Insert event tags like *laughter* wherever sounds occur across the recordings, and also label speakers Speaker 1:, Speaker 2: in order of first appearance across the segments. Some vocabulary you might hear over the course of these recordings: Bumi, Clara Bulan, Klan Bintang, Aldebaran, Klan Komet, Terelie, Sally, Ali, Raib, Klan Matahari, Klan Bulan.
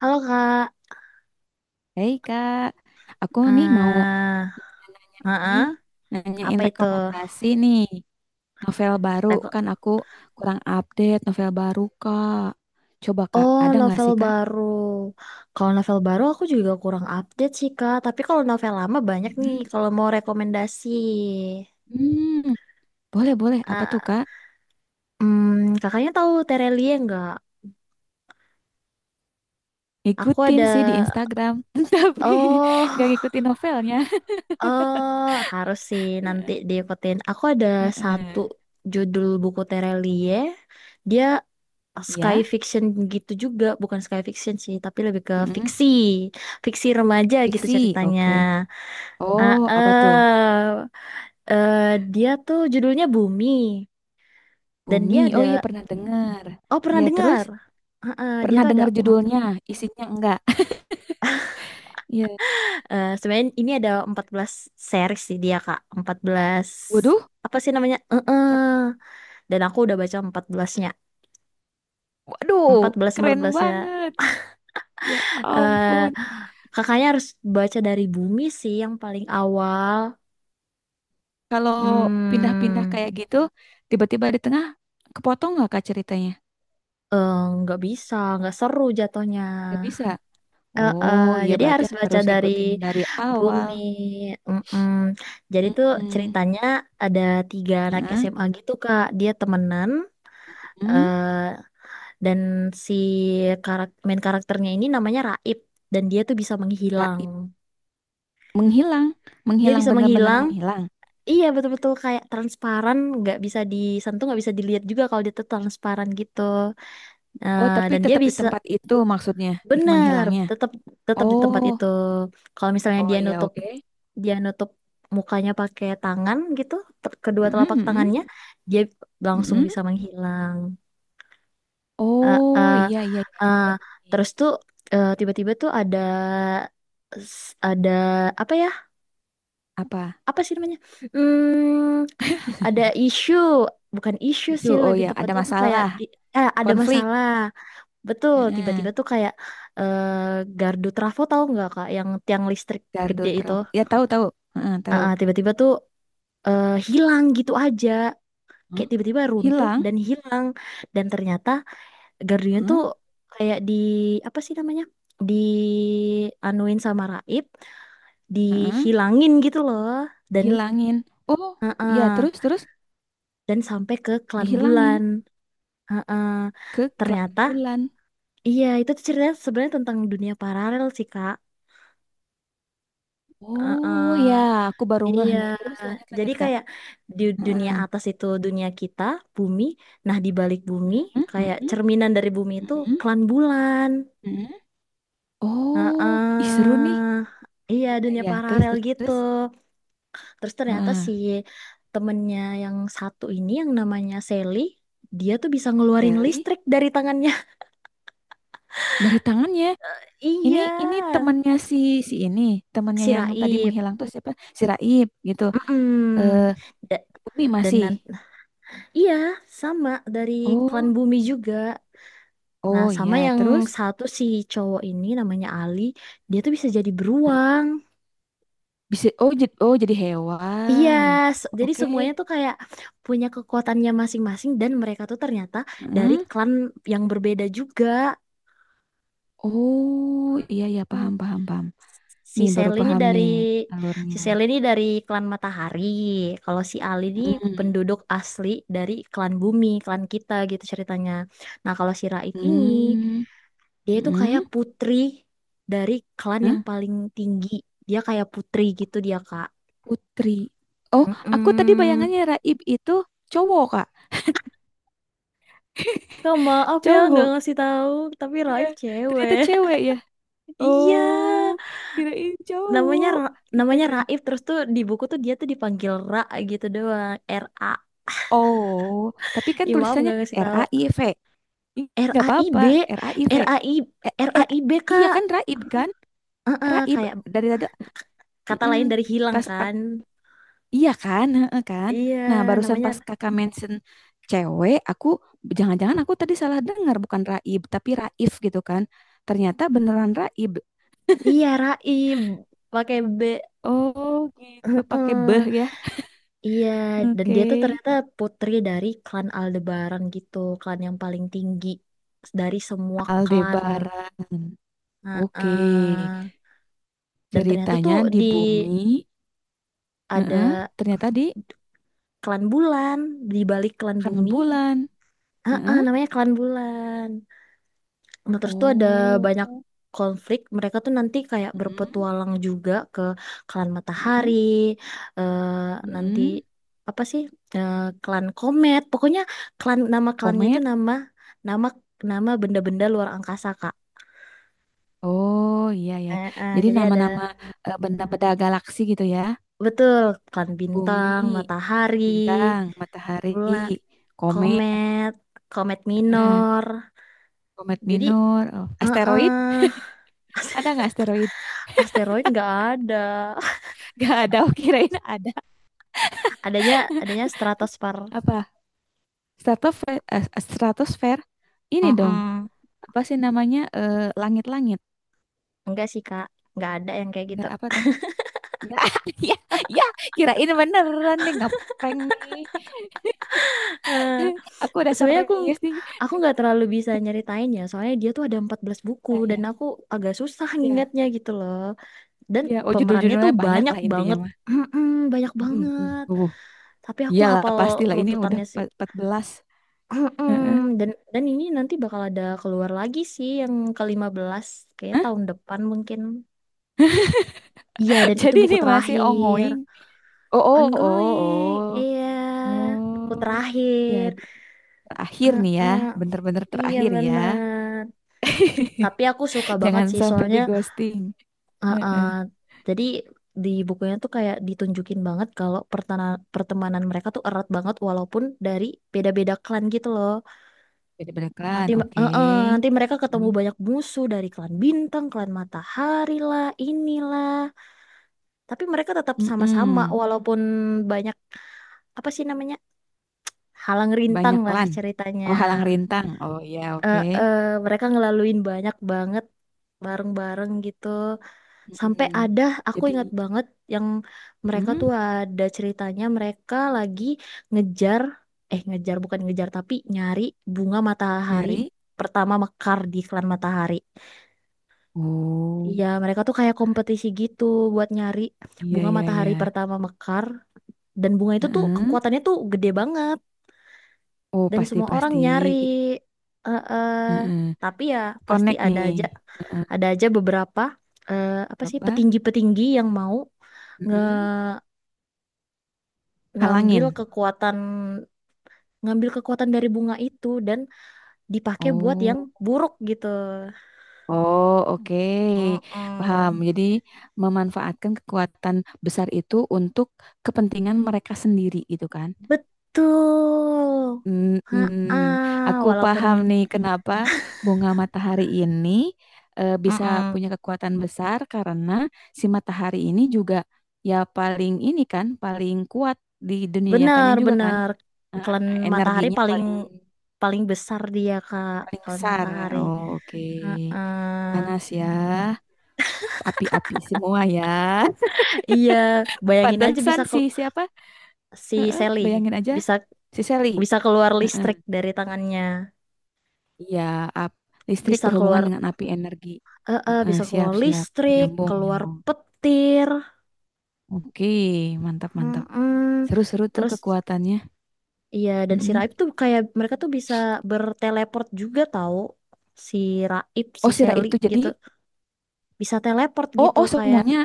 Speaker 1: Halo Kak,
Speaker 2: Hei Kak, aku nih mau
Speaker 1: eh
Speaker 2: nanya ini,
Speaker 1: heeh. Apa
Speaker 2: nanyain
Speaker 1: itu?
Speaker 2: rekomendasi nih novel baru
Speaker 1: Reko-
Speaker 2: kan aku kurang update novel baru Kak. Coba Kak,
Speaker 1: Oh,
Speaker 2: ada nggak
Speaker 1: novel
Speaker 2: sih Kak?
Speaker 1: baru. Kalau novel baru aku juga kurang update sih Kak, tapi kalau novel lama banyak nih
Speaker 2: Mm.
Speaker 1: kalau mau rekomendasi.
Speaker 2: Hmm, boleh boleh. Apa tuh
Speaker 1: Ah,
Speaker 2: Kak?
Speaker 1: Kakaknya tahu Terelie nggak? Aku
Speaker 2: Ngikutin
Speaker 1: ada,
Speaker 2: sih di Instagram, *laughs* tapi nggak
Speaker 1: oh,
Speaker 2: ngikutin novelnya.
Speaker 1: *laughs* oh, harus sih nanti diikutin. Aku ada
Speaker 2: *laughs*
Speaker 1: satu
Speaker 2: Heeh.
Speaker 1: judul buku Terelie. Dia sky
Speaker 2: Iya.
Speaker 1: fiction gitu juga, bukan sky fiction sih, tapi lebih ke
Speaker 2: Mm-mm.
Speaker 1: fiksi, fiksi remaja gitu
Speaker 2: Fiksi,
Speaker 1: ceritanya.
Speaker 2: oke.
Speaker 1: Ah,
Speaker 2: Oh, apa tuh?
Speaker 1: eh eh, Dia tuh judulnya Bumi dan
Speaker 2: Bumi. Oh iya pernah dengar.
Speaker 1: oh pernah
Speaker 2: Iya terus
Speaker 1: dengar? Dia
Speaker 2: pernah
Speaker 1: tuh ada,
Speaker 2: dengar judulnya, isinya enggak? *laughs* Iya.
Speaker 1: sebenarnya ini ada 14 series sih dia Kak, 14
Speaker 2: Waduh.
Speaker 1: apa sih namanya? Eh. Dan aku udah baca 14-nya,
Speaker 2: Waduh,
Speaker 1: empat belasnya
Speaker 2: keren
Speaker 1: 14-nya.
Speaker 2: banget. Ya
Speaker 1: Eh
Speaker 2: ampun.
Speaker 1: Kakaknya harus baca dari Bumi sih yang paling awal.
Speaker 2: Kalau pindah-pindah
Speaker 1: Hmm,
Speaker 2: kayak gitu, tiba-tiba di tengah, kepotong nggak Kak ceritanya?
Speaker 1: eh, nggak bisa, nggak seru jatuhnya.
Speaker 2: Nggak bisa.
Speaker 1: Eh, eh,
Speaker 2: Oh, iya
Speaker 1: jadi
Speaker 2: berarti
Speaker 1: harus baca
Speaker 2: harus
Speaker 1: dari
Speaker 2: ngikutin dari awal.
Speaker 1: Bumi. Mm-mm. Jadi tuh
Speaker 2: Mm-mm.
Speaker 1: ceritanya ada tiga anak
Speaker 2: Heeh.
Speaker 1: SMA gitu Kak. Dia temenan,
Speaker 2: Mm.
Speaker 1: eh, dan si main karakternya ini namanya Raib, dan dia tuh bisa menghilang.
Speaker 2: Raib. Menghilang.
Speaker 1: Dia
Speaker 2: Menghilang,
Speaker 1: bisa
Speaker 2: benar-benar
Speaker 1: menghilang.
Speaker 2: menghilang.
Speaker 1: Iya betul-betul kayak transparan, nggak bisa disentuh, nggak bisa dilihat juga kalau dia tuh transparan gitu.
Speaker 2: Oh,
Speaker 1: Eh,
Speaker 2: tapi
Speaker 1: dan dia
Speaker 2: tetap di
Speaker 1: bisa
Speaker 2: tempat itu maksudnya, di
Speaker 1: Bener,
Speaker 2: menghilangnya.
Speaker 1: tetap tetap di tempat
Speaker 2: Oh,
Speaker 1: itu. Kalau misalnya
Speaker 2: oh
Speaker 1: dia
Speaker 2: iya
Speaker 1: nutup
Speaker 2: oke.
Speaker 1: dia nutup mukanya pakai tangan gitu, kedua
Speaker 2: Mm-mm,
Speaker 1: telapak
Speaker 2: mm-mm,
Speaker 1: tangannya, dia langsung
Speaker 2: mm-mm.
Speaker 1: bisa menghilang. Eh,
Speaker 2: Oh,
Speaker 1: eh,
Speaker 2: iya, iya, iya.
Speaker 1: eh,
Speaker 2: Ngerti.
Speaker 1: Terus tuh tiba-tiba tuh ada ada apa ya?
Speaker 2: Apa?
Speaker 1: Apa sih namanya? Hmm, ada isu, bukan isu
Speaker 2: Isu,
Speaker 1: sih
Speaker 2: oh
Speaker 1: lebih
Speaker 2: ya, ada
Speaker 1: tepatnya tuh kayak
Speaker 2: masalah.
Speaker 1: ada
Speaker 2: Konflik.
Speaker 1: masalah. Betul,
Speaker 2: Heeh.
Speaker 1: tiba-tiba tuh kayak eh gardu trafo tahu nggak Kak, yang tiang listrik
Speaker 2: Gardu
Speaker 1: gede itu.
Speaker 2: trafo. Ya tahu tahu. Heeh, tahu.
Speaker 1: Tiba-tiba tuh hilang gitu aja.
Speaker 2: Hmm?
Speaker 1: Kayak tiba-tiba runtuh
Speaker 2: Hilang.
Speaker 1: dan hilang. Dan ternyata gardunya tuh
Speaker 2: Heeh,
Speaker 1: kayak di, apa sih namanya, di anuin sama Raib,
Speaker 2: heeh.
Speaker 1: dihilangin gitu loh. Dan
Speaker 2: Dihilangin. Oh,
Speaker 1: ah,
Speaker 2: ya terus
Speaker 1: ah,
Speaker 2: terus
Speaker 1: dan sampai ke Klan
Speaker 2: dihilangin
Speaker 1: Bulan. Ah, ah.
Speaker 2: ke Clara
Speaker 1: Ternyata
Speaker 2: Bulan.
Speaker 1: iya itu tuh ceritanya sebenarnya tentang dunia paralel sih Kak. Ah, ah.
Speaker 2: Oh ya, aku baru ngeh
Speaker 1: Iya,
Speaker 2: nih. Terus lanjut
Speaker 1: jadi
Speaker 2: lanjut Kak.
Speaker 1: kayak di dunia
Speaker 2: Heeh.
Speaker 1: atas itu dunia kita, bumi. Nah, di balik bumi,
Speaker 2: Heeh,
Speaker 1: kayak
Speaker 2: heeh,
Speaker 1: cerminan dari bumi itu
Speaker 2: heeh,
Speaker 1: klan bulan.
Speaker 2: heeh. Oh, ih seru nih.
Speaker 1: Heeh. Iya,
Speaker 2: Iya
Speaker 1: dunia
Speaker 2: ya, terus
Speaker 1: paralel
Speaker 2: terus,
Speaker 1: gitu.
Speaker 2: terus.
Speaker 1: Terus ternyata
Speaker 2: Heeh.
Speaker 1: si temennya yang satu ini yang namanya Sally, dia tuh bisa ngeluarin
Speaker 2: Sally
Speaker 1: listrik dari tangannya. *laughs*
Speaker 2: dari tangannya. Ini
Speaker 1: Iya,
Speaker 2: ini temannya si si ini, temannya
Speaker 1: si
Speaker 2: yang tadi
Speaker 1: Raib.
Speaker 2: menghilang tuh siapa? Si Raib gitu. Eh
Speaker 1: Mm-mm. Da-
Speaker 2: Bumi
Speaker 1: dan
Speaker 2: masih.
Speaker 1: nan- iya, sama dari klan
Speaker 2: Oh,
Speaker 1: bumi juga. Nah,
Speaker 2: oh
Speaker 1: sama
Speaker 2: ya.
Speaker 1: yang
Speaker 2: Terus
Speaker 1: satu si cowok ini namanya Ali, dia tuh bisa jadi
Speaker 2: Bali
Speaker 1: beruang.
Speaker 2: bisa oh jadi
Speaker 1: Iya,
Speaker 2: hewan.
Speaker 1: jadi
Speaker 2: Oke.
Speaker 1: semuanya tuh kayak punya kekuatannya masing-masing dan mereka tuh ternyata dari
Speaker 2: Heeh.
Speaker 1: klan yang berbeda juga.
Speaker 2: Oh, iya ya paham
Speaker 1: Hmm.
Speaker 2: paham paham.
Speaker 1: Si
Speaker 2: Nih baru
Speaker 1: Sel ini
Speaker 2: paham
Speaker 1: dari
Speaker 2: nih
Speaker 1: Si
Speaker 2: alurnya.
Speaker 1: Sel ini dari klan Matahari. Kalau si Ali ini
Speaker 2: Heeh.
Speaker 1: penduduk asli dari klan Bumi, klan kita gitu ceritanya. Nah, kalau si Raif ini
Speaker 2: Hmm.
Speaker 1: Dia itu kayak
Speaker 2: Heeh.
Speaker 1: putri dari klan
Speaker 2: Hah?
Speaker 1: yang paling tinggi. Dia kayak putri gitu dia, Kak.
Speaker 2: Putri. Oh, aku tadi
Speaker 1: Mm-mm.
Speaker 2: bayangannya Raib itu cowok, Kak.
Speaker 1: Kak, maaf ya nggak
Speaker 2: Cowok.
Speaker 1: ngasih tahu, tapi
Speaker 2: Iya,
Speaker 1: Raif
Speaker 2: ternyata
Speaker 1: cewek. *laughs*
Speaker 2: cewek ya.
Speaker 1: Iya,
Speaker 2: Oh, kirain cowok. Iya,
Speaker 1: Namanya
Speaker 2: iya.
Speaker 1: Raif terus tuh di buku tuh dia tuh dipanggil Ra gitu doang, Ra.
Speaker 2: Oh, tapi kan
Speaker 1: Ih, maaf
Speaker 2: tulisannya
Speaker 1: nggak ngasih
Speaker 2: R
Speaker 1: tahu.
Speaker 2: A I V. Ih,
Speaker 1: R
Speaker 2: nggak
Speaker 1: A I
Speaker 2: apa-apa.
Speaker 1: B,
Speaker 2: R A RAIV,
Speaker 1: R A I
Speaker 2: eh,
Speaker 1: R
Speaker 2: oh,
Speaker 1: A
Speaker 2: eh,
Speaker 1: I B
Speaker 2: iya
Speaker 1: Kak.
Speaker 2: kan
Speaker 1: Heeh,
Speaker 2: Raib
Speaker 1: kayak
Speaker 2: dari tadi.
Speaker 1: k- kata
Speaker 2: mm-mm.
Speaker 1: lain dari hilang
Speaker 2: pas ak-
Speaker 1: kan.
Speaker 2: iya kan, heeh kan,
Speaker 1: Iya,
Speaker 2: nah barusan
Speaker 1: namanya
Speaker 2: pas kakak mention cewek, aku jangan-jangan aku tadi salah dengar bukan Raib tapi Raif gitu kan, ternyata beneran Raib.
Speaker 1: Iya, Raib pakai B.
Speaker 2: Oh gitu pakai beh
Speaker 1: Heeh,
Speaker 2: ya.
Speaker 1: iya, dan
Speaker 2: Oke.
Speaker 1: dia tuh ternyata putri dari klan Aldebaran gitu, klan yang paling tinggi dari semua klan.
Speaker 2: Aldebaran, oke,
Speaker 1: Heeh. Dan ternyata tuh
Speaker 2: ceritanya di
Speaker 1: di,
Speaker 2: bumi. Heeh,
Speaker 1: ada
Speaker 2: ternyata di
Speaker 1: klan bulan di balik klan
Speaker 2: karena
Speaker 1: bumi.
Speaker 2: bulan.
Speaker 1: Heeh,
Speaker 2: Heeh.
Speaker 1: namanya klan bulan. Nah, terus tuh ada banyak
Speaker 2: Oh,
Speaker 1: konflik. Mereka tuh nanti kayak
Speaker 2: mm-mm,
Speaker 1: berpetualang juga ke klan
Speaker 2: mm
Speaker 1: matahari, eh, nanti
Speaker 2: mm.
Speaker 1: apa sih eh, klan komet. Pokoknya nama klannya itu
Speaker 2: Komet.
Speaker 1: nama nama nama benda-benda luar angkasa Kak.
Speaker 2: Oh iya ya. Jadi
Speaker 1: Jadi ada
Speaker 2: nama-nama, benda-benda galaksi gitu ya.
Speaker 1: betul klan
Speaker 2: Bumi,
Speaker 1: bintang, matahari,
Speaker 2: bintang, matahari,
Speaker 1: bulan,
Speaker 2: komet,
Speaker 1: komet, komet
Speaker 2: eh,
Speaker 1: minor.
Speaker 2: komet
Speaker 1: Jadi,
Speaker 2: minor, oh, asteroid.
Speaker 1: heeh,
Speaker 2: Ada nggak
Speaker 1: *laughs*
Speaker 2: asteroid?
Speaker 1: asteroid nggak ada.
Speaker 2: *laughs* Gak ada. Oh, kirain ada.
Speaker 1: Adanya adanya stratosfer.
Speaker 2: Apa? Stratosfer. Ini dong.
Speaker 1: Mm-mm.
Speaker 2: Apa sih namanya? Langit-langit.
Speaker 1: Enggak sih kak, nggak ada yang kayak gitu.
Speaker 2: Nggak apa
Speaker 1: *laughs*
Speaker 2: dong? Nggak. *laughs* Ya, ya. Kirain beneran deh. Nggak prank nih.
Speaker 1: Eh,
Speaker 2: *laughs* Aku udah
Speaker 1: Sebenarnya aku
Speaker 2: serius nih.
Speaker 1: aku nggak terlalu bisa nyeritain ya, soalnya dia tuh ada 14 buku
Speaker 2: Ya,
Speaker 1: dan
Speaker 2: ya,
Speaker 1: aku agak susah
Speaker 2: ya,
Speaker 1: ngingatnya gitu loh, dan
Speaker 2: ya. Oh,
Speaker 1: pemerannya tuh
Speaker 2: judul-judulnya banyak
Speaker 1: banyak
Speaker 2: lah intinya
Speaker 1: banget.
Speaker 2: mah.
Speaker 1: Mm-mm, banyak
Speaker 2: Mm, mm,
Speaker 1: banget,
Speaker 2: mm.
Speaker 1: tapi aku
Speaker 2: Iyalah
Speaker 1: hafal
Speaker 2: pastilah ini udah
Speaker 1: runtutannya sih.
Speaker 2: 14. Heeh.
Speaker 1: Mm-mm. Dan ini nanti bakal ada keluar lagi sih yang ke-15, kayaknya
Speaker 2: Hah?
Speaker 1: tahun depan mungkin. Iya,
Speaker 2: *laughs*
Speaker 1: dan itu
Speaker 2: Jadi
Speaker 1: buku
Speaker 2: ini masih
Speaker 1: terakhir.
Speaker 2: ongoing. Oh, oh, oh,
Speaker 1: Ongoing,
Speaker 2: oh.
Speaker 1: iya. Buku
Speaker 2: Oh.
Speaker 1: terakhir.
Speaker 2: Jadi terakhir nih ya,
Speaker 1: Heeh,
Speaker 2: bener-bener
Speaker 1: iya
Speaker 2: terakhir ya.
Speaker 1: bener. Tapi
Speaker 2: *laughs*
Speaker 1: aku suka banget
Speaker 2: Jangan
Speaker 1: sih,
Speaker 2: sampai di
Speaker 1: soalnya
Speaker 2: ghosting.
Speaker 1: heeh,
Speaker 2: Heeh.
Speaker 1: jadi di bukunya tuh kayak ditunjukin banget kalau pertemanan mereka tuh erat banget walaupun dari beda-beda klan gitu loh.
Speaker 2: Jadi beneran,
Speaker 1: Nanti,
Speaker 2: oke.
Speaker 1: heeh, nanti mereka ketemu
Speaker 2: Mm,
Speaker 1: banyak musuh dari klan bintang, klan matahari lah, inilah. Tapi mereka tetap sama-sama
Speaker 2: mm-mm.
Speaker 1: walaupun banyak apa sih namanya? Halang rintang
Speaker 2: Banyak
Speaker 1: lah
Speaker 2: lan.
Speaker 1: ceritanya.
Speaker 2: Oh, halang rintang. Oh, iya, oke.
Speaker 1: eh, eh, Mereka ngelaluin banyak banget bareng-bareng gitu. Sampai
Speaker 2: Mm-mm.
Speaker 1: ada, aku
Speaker 2: Jadi
Speaker 1: ingat banget yang mereka
Speaker 2: mm,
Speaker 1: tuh ada ceritanya mereka lagi ngejar, eh ngejar bukan ngejar tapi nyari bunga matahari
Speaker 2: nyari.
Speaker 1: pertama mekar di iklan matahari.
Speaker 2: Oh,
Speaker 1: Iya, mereka tuh kayak kompetisi gitu buat nyari
Speaker 2: iya
Speaker 1: bunga
Speaker 2: iya iya.
Speaker 1: matahari pertama mekar dan bunga itu tuh
Speaker 2: Heeh.
Speaker 1: kekuatannya tuh gede banget
Speaker 2: Oh,
Speaker 1: dan
Speaker 2: pasti
Speaker 1: semua orang
Speaker 2: pasti.
Speaker 1: nyari. eh eh.
Speaker 2: Heeh.
Speaker 1: Tapi ya pasti
Speaker 2: Connect
Speaker 1: ada
Speaker 2: nih.
Speaker 1: aja
Speaker 2: Heeh.
Speaker 1: Ada aja beberapa, apa sih,
Speaker 2: Lebah.
Speaker 1: petinggi-petinggi yang mau nge
Speaker 2: Mm-mm.
Speaker 1: ngambil
Speaker 2: Halangin.
Speaker 1: kekuatan ngambil kekuatan dari bunga itu dan dipakai buat yang
Speaker 2: Oh.
Speaker 1: buruk gitu.
Speaker 2: Oh, oke. Paham.
Speaker 1: Mm-mm.
Speaker 2: Jadi memanfaatkan kekuatan besar itu untuk kepentingan mereka sendiri gitu kan.
Speaker 1: Betul. Ha
Speaker 2: Mm-mm. Aku
Speaker 1: walaupun
Speaker 2: paham nih kenapa bunga matahari ini bisa
Speaker 1: Mm-mm.
Speaker 2: punya kekuatan besar karena si matahari ini juga, ya paling ini kan paling kuat di dunia nyatanya juga kan.
Speaker 1: Benar-benar
Speaker 2: Nah,
Speaker 1: klan matahari
Speaker 2: energinya
Speaker 1: paling
Speaker 2: paling
Speaker 1: paling besar dia Kak,
Speaker 2: paling
Speaker 1: klan
Speaker 2: besar.
Speaker 1: matahari.
Speaker 2: Oh, oke.
Speaker 1: Ha
Speaker 2: Panas ya. Api-api semua ya. *laughs*
Speaker 1: Iya, bayangin aja
Speaker 2: Pantesan
Speaker 1: bisa ke
Speaker 2: sih siapa?
Speaker 1: si
Speaker 2: Heeh,
Speaker 1: Sally
Speaker 2: bayangin aja
Speaker 1: bisa
Speaker 2: si Sally.
Speaker 1: bisa keluar
Speaker 2: Heeh.
Speaker 1: listrik dari tangannya,
Speaker 2: Iya, ap- listrik
Speaker 1: bisa
Speaker 2: berhubungan
Speaker 1: keluar
Speaker 2: dengan api energi. Heeh,
Speaker 1: bisa
Speaker 2: siap,
Speaker 1: keluar
Speaker 2: siap.
Speaker 1: listrik
Speaker 2: Nyambung,
Speaker 1: keluar
Speaker 2: nyambung.
Speaker 1: petir.
Speaker 2: Oke, mantap, mantap.
Speaker 1: Mm-mm.
Speaker 2: Seru-seru tuh
Speaker 1: Terus
Speaker 2: kekuatannya.
Speaker 1: iya, dan si
Speaker 2: Mm-mm.
Speaker 1: Raib tuh kayak mereka tuh bisa berteleport juga tahu, si Raib si
Speaker 2: Oh, si
Speaker 1: Sally
Speaker 2: Raib tuh jadi,
Speaker 1: gitu bisa teleport
Speaker 2: oh,
Speaker 1: gitu
Speaker 2: oh,
Speaker 1: kayak,
Speaker 2: semuanya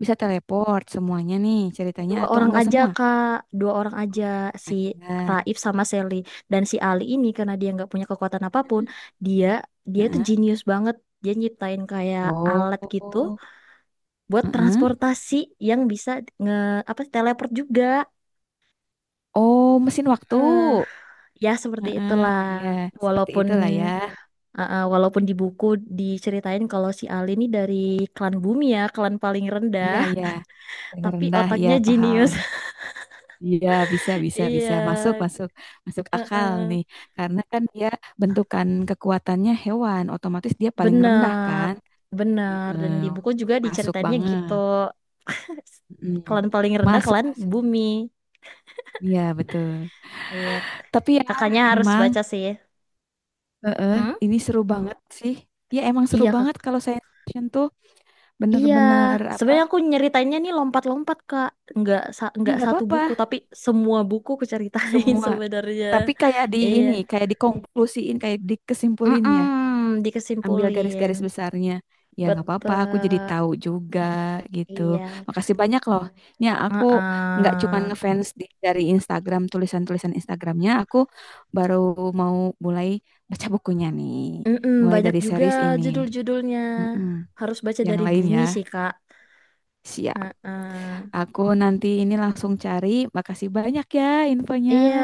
Speaker 2: bisa teleport, semuanya nih ceritanya
Speaker 1: dua
Speaker 2: atau
Speaker 1: orang
Speaker 2: enggak
Speaker 1: aja
Speaker 2: semua?
Speaker 1: kak, dua orang aja, si
Speaker 2: Ada.
Speaker 1: Raib sama Sally. Dan si Ali ini karena dia nggak punya kekuatan apapun, dia dia itu
Speaker 2: Heeh.
Speaker 1: jenius banget. Dia nyiptain kayak
Speaker 2: Oh,
Speaker 1: alat gitu
Speaker 2: oh,
Speaker 1: buat
Speaker 2: heeh.
Speaker 1: transportasi yang bisa nge apa sih, teleport juga.
Speaker 2: Oh, mesin waktu.
Speaker 1: Eh, Ya seperti
Speaker 2: Heeh,
Speaker 1: itulah.
Speaker 2: iya, seperti
Speaker 1: Walaupun
Speaker 2: itulah ya.
Speaker 1: walaupun di buku diceritain kalau si Ali ini dari klan bumi ya, klan paling
Speaker 2: Iya,
Speaker 1: rendah,
Speaker 2: iya. Yang
Speaker 1: tapi
Speaker 2: rendah, ya
Speaker 1: otaknya
Speaker 2: paham.
Speaker 1: jenius. *laughs*
Speaker 2: Iya, bisa, bisa, bisa.
Speaker 1: Iya,
Speaker 2: Masuk, masuk, masuk
Speaker 1: eh,
Speaker 2: akal
Speaker 1: eh.
Speaker 2: nih. Karena kan dia bentukan kekuatannya hewan, otomatis dia paling rendah
Speaker 1: Benar.
Speaker 2: kan.
Speaker 1: Benar,
Speaker 2: Heeh,
Speaker 1: dan di buku juga
Speaker 2: masuk
Speaker 1: diceritainnya gitu.
Speaker 2: banget.
Speaker 1: *laughs*
Speaker 2: Mm.
Speaker 1: Klan paling rendah,
Speaker 2: Masuk,
Speaker 1: klan
Speaker 2: masuk.
Speaker 1: bumi.
Speaker 2: Iya, betul.
Speaker 1: Iya,
Speaker 2: Tapi ya,
Speaker 1: kakaknya harus
Speaker 2: emang,
Speaker 1: baca sih.
Speaker 2: heeh,
Speaker 1: Hmm?
Speaker 2: ini seru banget sih. Ya, emang seru
Speaker 1: Iya, kak.
Speaker 2: banget kalau saya fiction tuh
Speaker 1: Iya,
Speaker 2: bener-bener apa.
Speaker 1: sebenarnya aku nyeritainnya nih lompat-lompat Kak, nggak
Speaker 2: Ini
Speaker 1: nggak
Speaker 2: nggak
Speaker 1: satu buku
Speaker 2: apa-apa.
Speaker 1: tapi semua buku aku ceritain *laughs*
Speaker 2: Semua.
Speaker 1: sebenarnya.
Speaker 2: Tapi kayak di
Speaker 1: Iya,
Speaker 2: ini, kayak dikonklusiin, kayak dikesimpulin ya. Ambil
Speaker 1: dikesimpulin,
Speaker 2: garis-garis besarnya. Ya nggak apa-apa, aku jadi
Speaker 1: betul.
Speaker 2: tahu juga gitu.
Speaker 1: Iya.
Speaker 2: Makasih banyak loh. Ya aku nggak cuman
Speaker 1: Heeh.
Speaker 2: ngefans dari Instagram, tulisan-tulisan Instagramnya. Aku baru mau mulai baca bukunya nih. Mulai
Speaker 1: Banyak
Speaker 2: dari
Speaker 1: juga
Speaker 2: series ini.
Speaker 1: judul-judulnya.
Speaker 2: Mm-mm.
Speaker 1: Harus baca
Speaker 2: Yang
Speaker 1: dari
Speaker 2: lain ya.
Speaker 1: bumi sih Kak.
Speaker 2: Siap.
Speaker 1: Heeh.
Speaker 2: Aku nanti ini langsung cari. Makasih banyak ya infonya.
Speaker 1: Iya,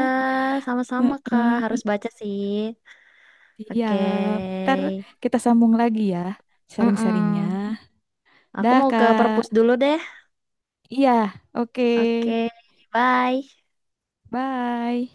Speaker 1: sama-sama Kak, harus
Speaker 2: Heeh.
Speaker 1: baca sih. Oke,
Speaker 2: Siap. Ntar kita sambung lagi ya sharing-sharingnya.
Speaker 1: Mm-mm. Aku
Speaker 2: Dah,
Speaker 1: mau ke perpus
Speaker 2: Kak.
Speaker 1: dulu deh.
Speaker 2: Iya, oke.
Speaker 1: Oke, bye.
Speaker 2: Bye.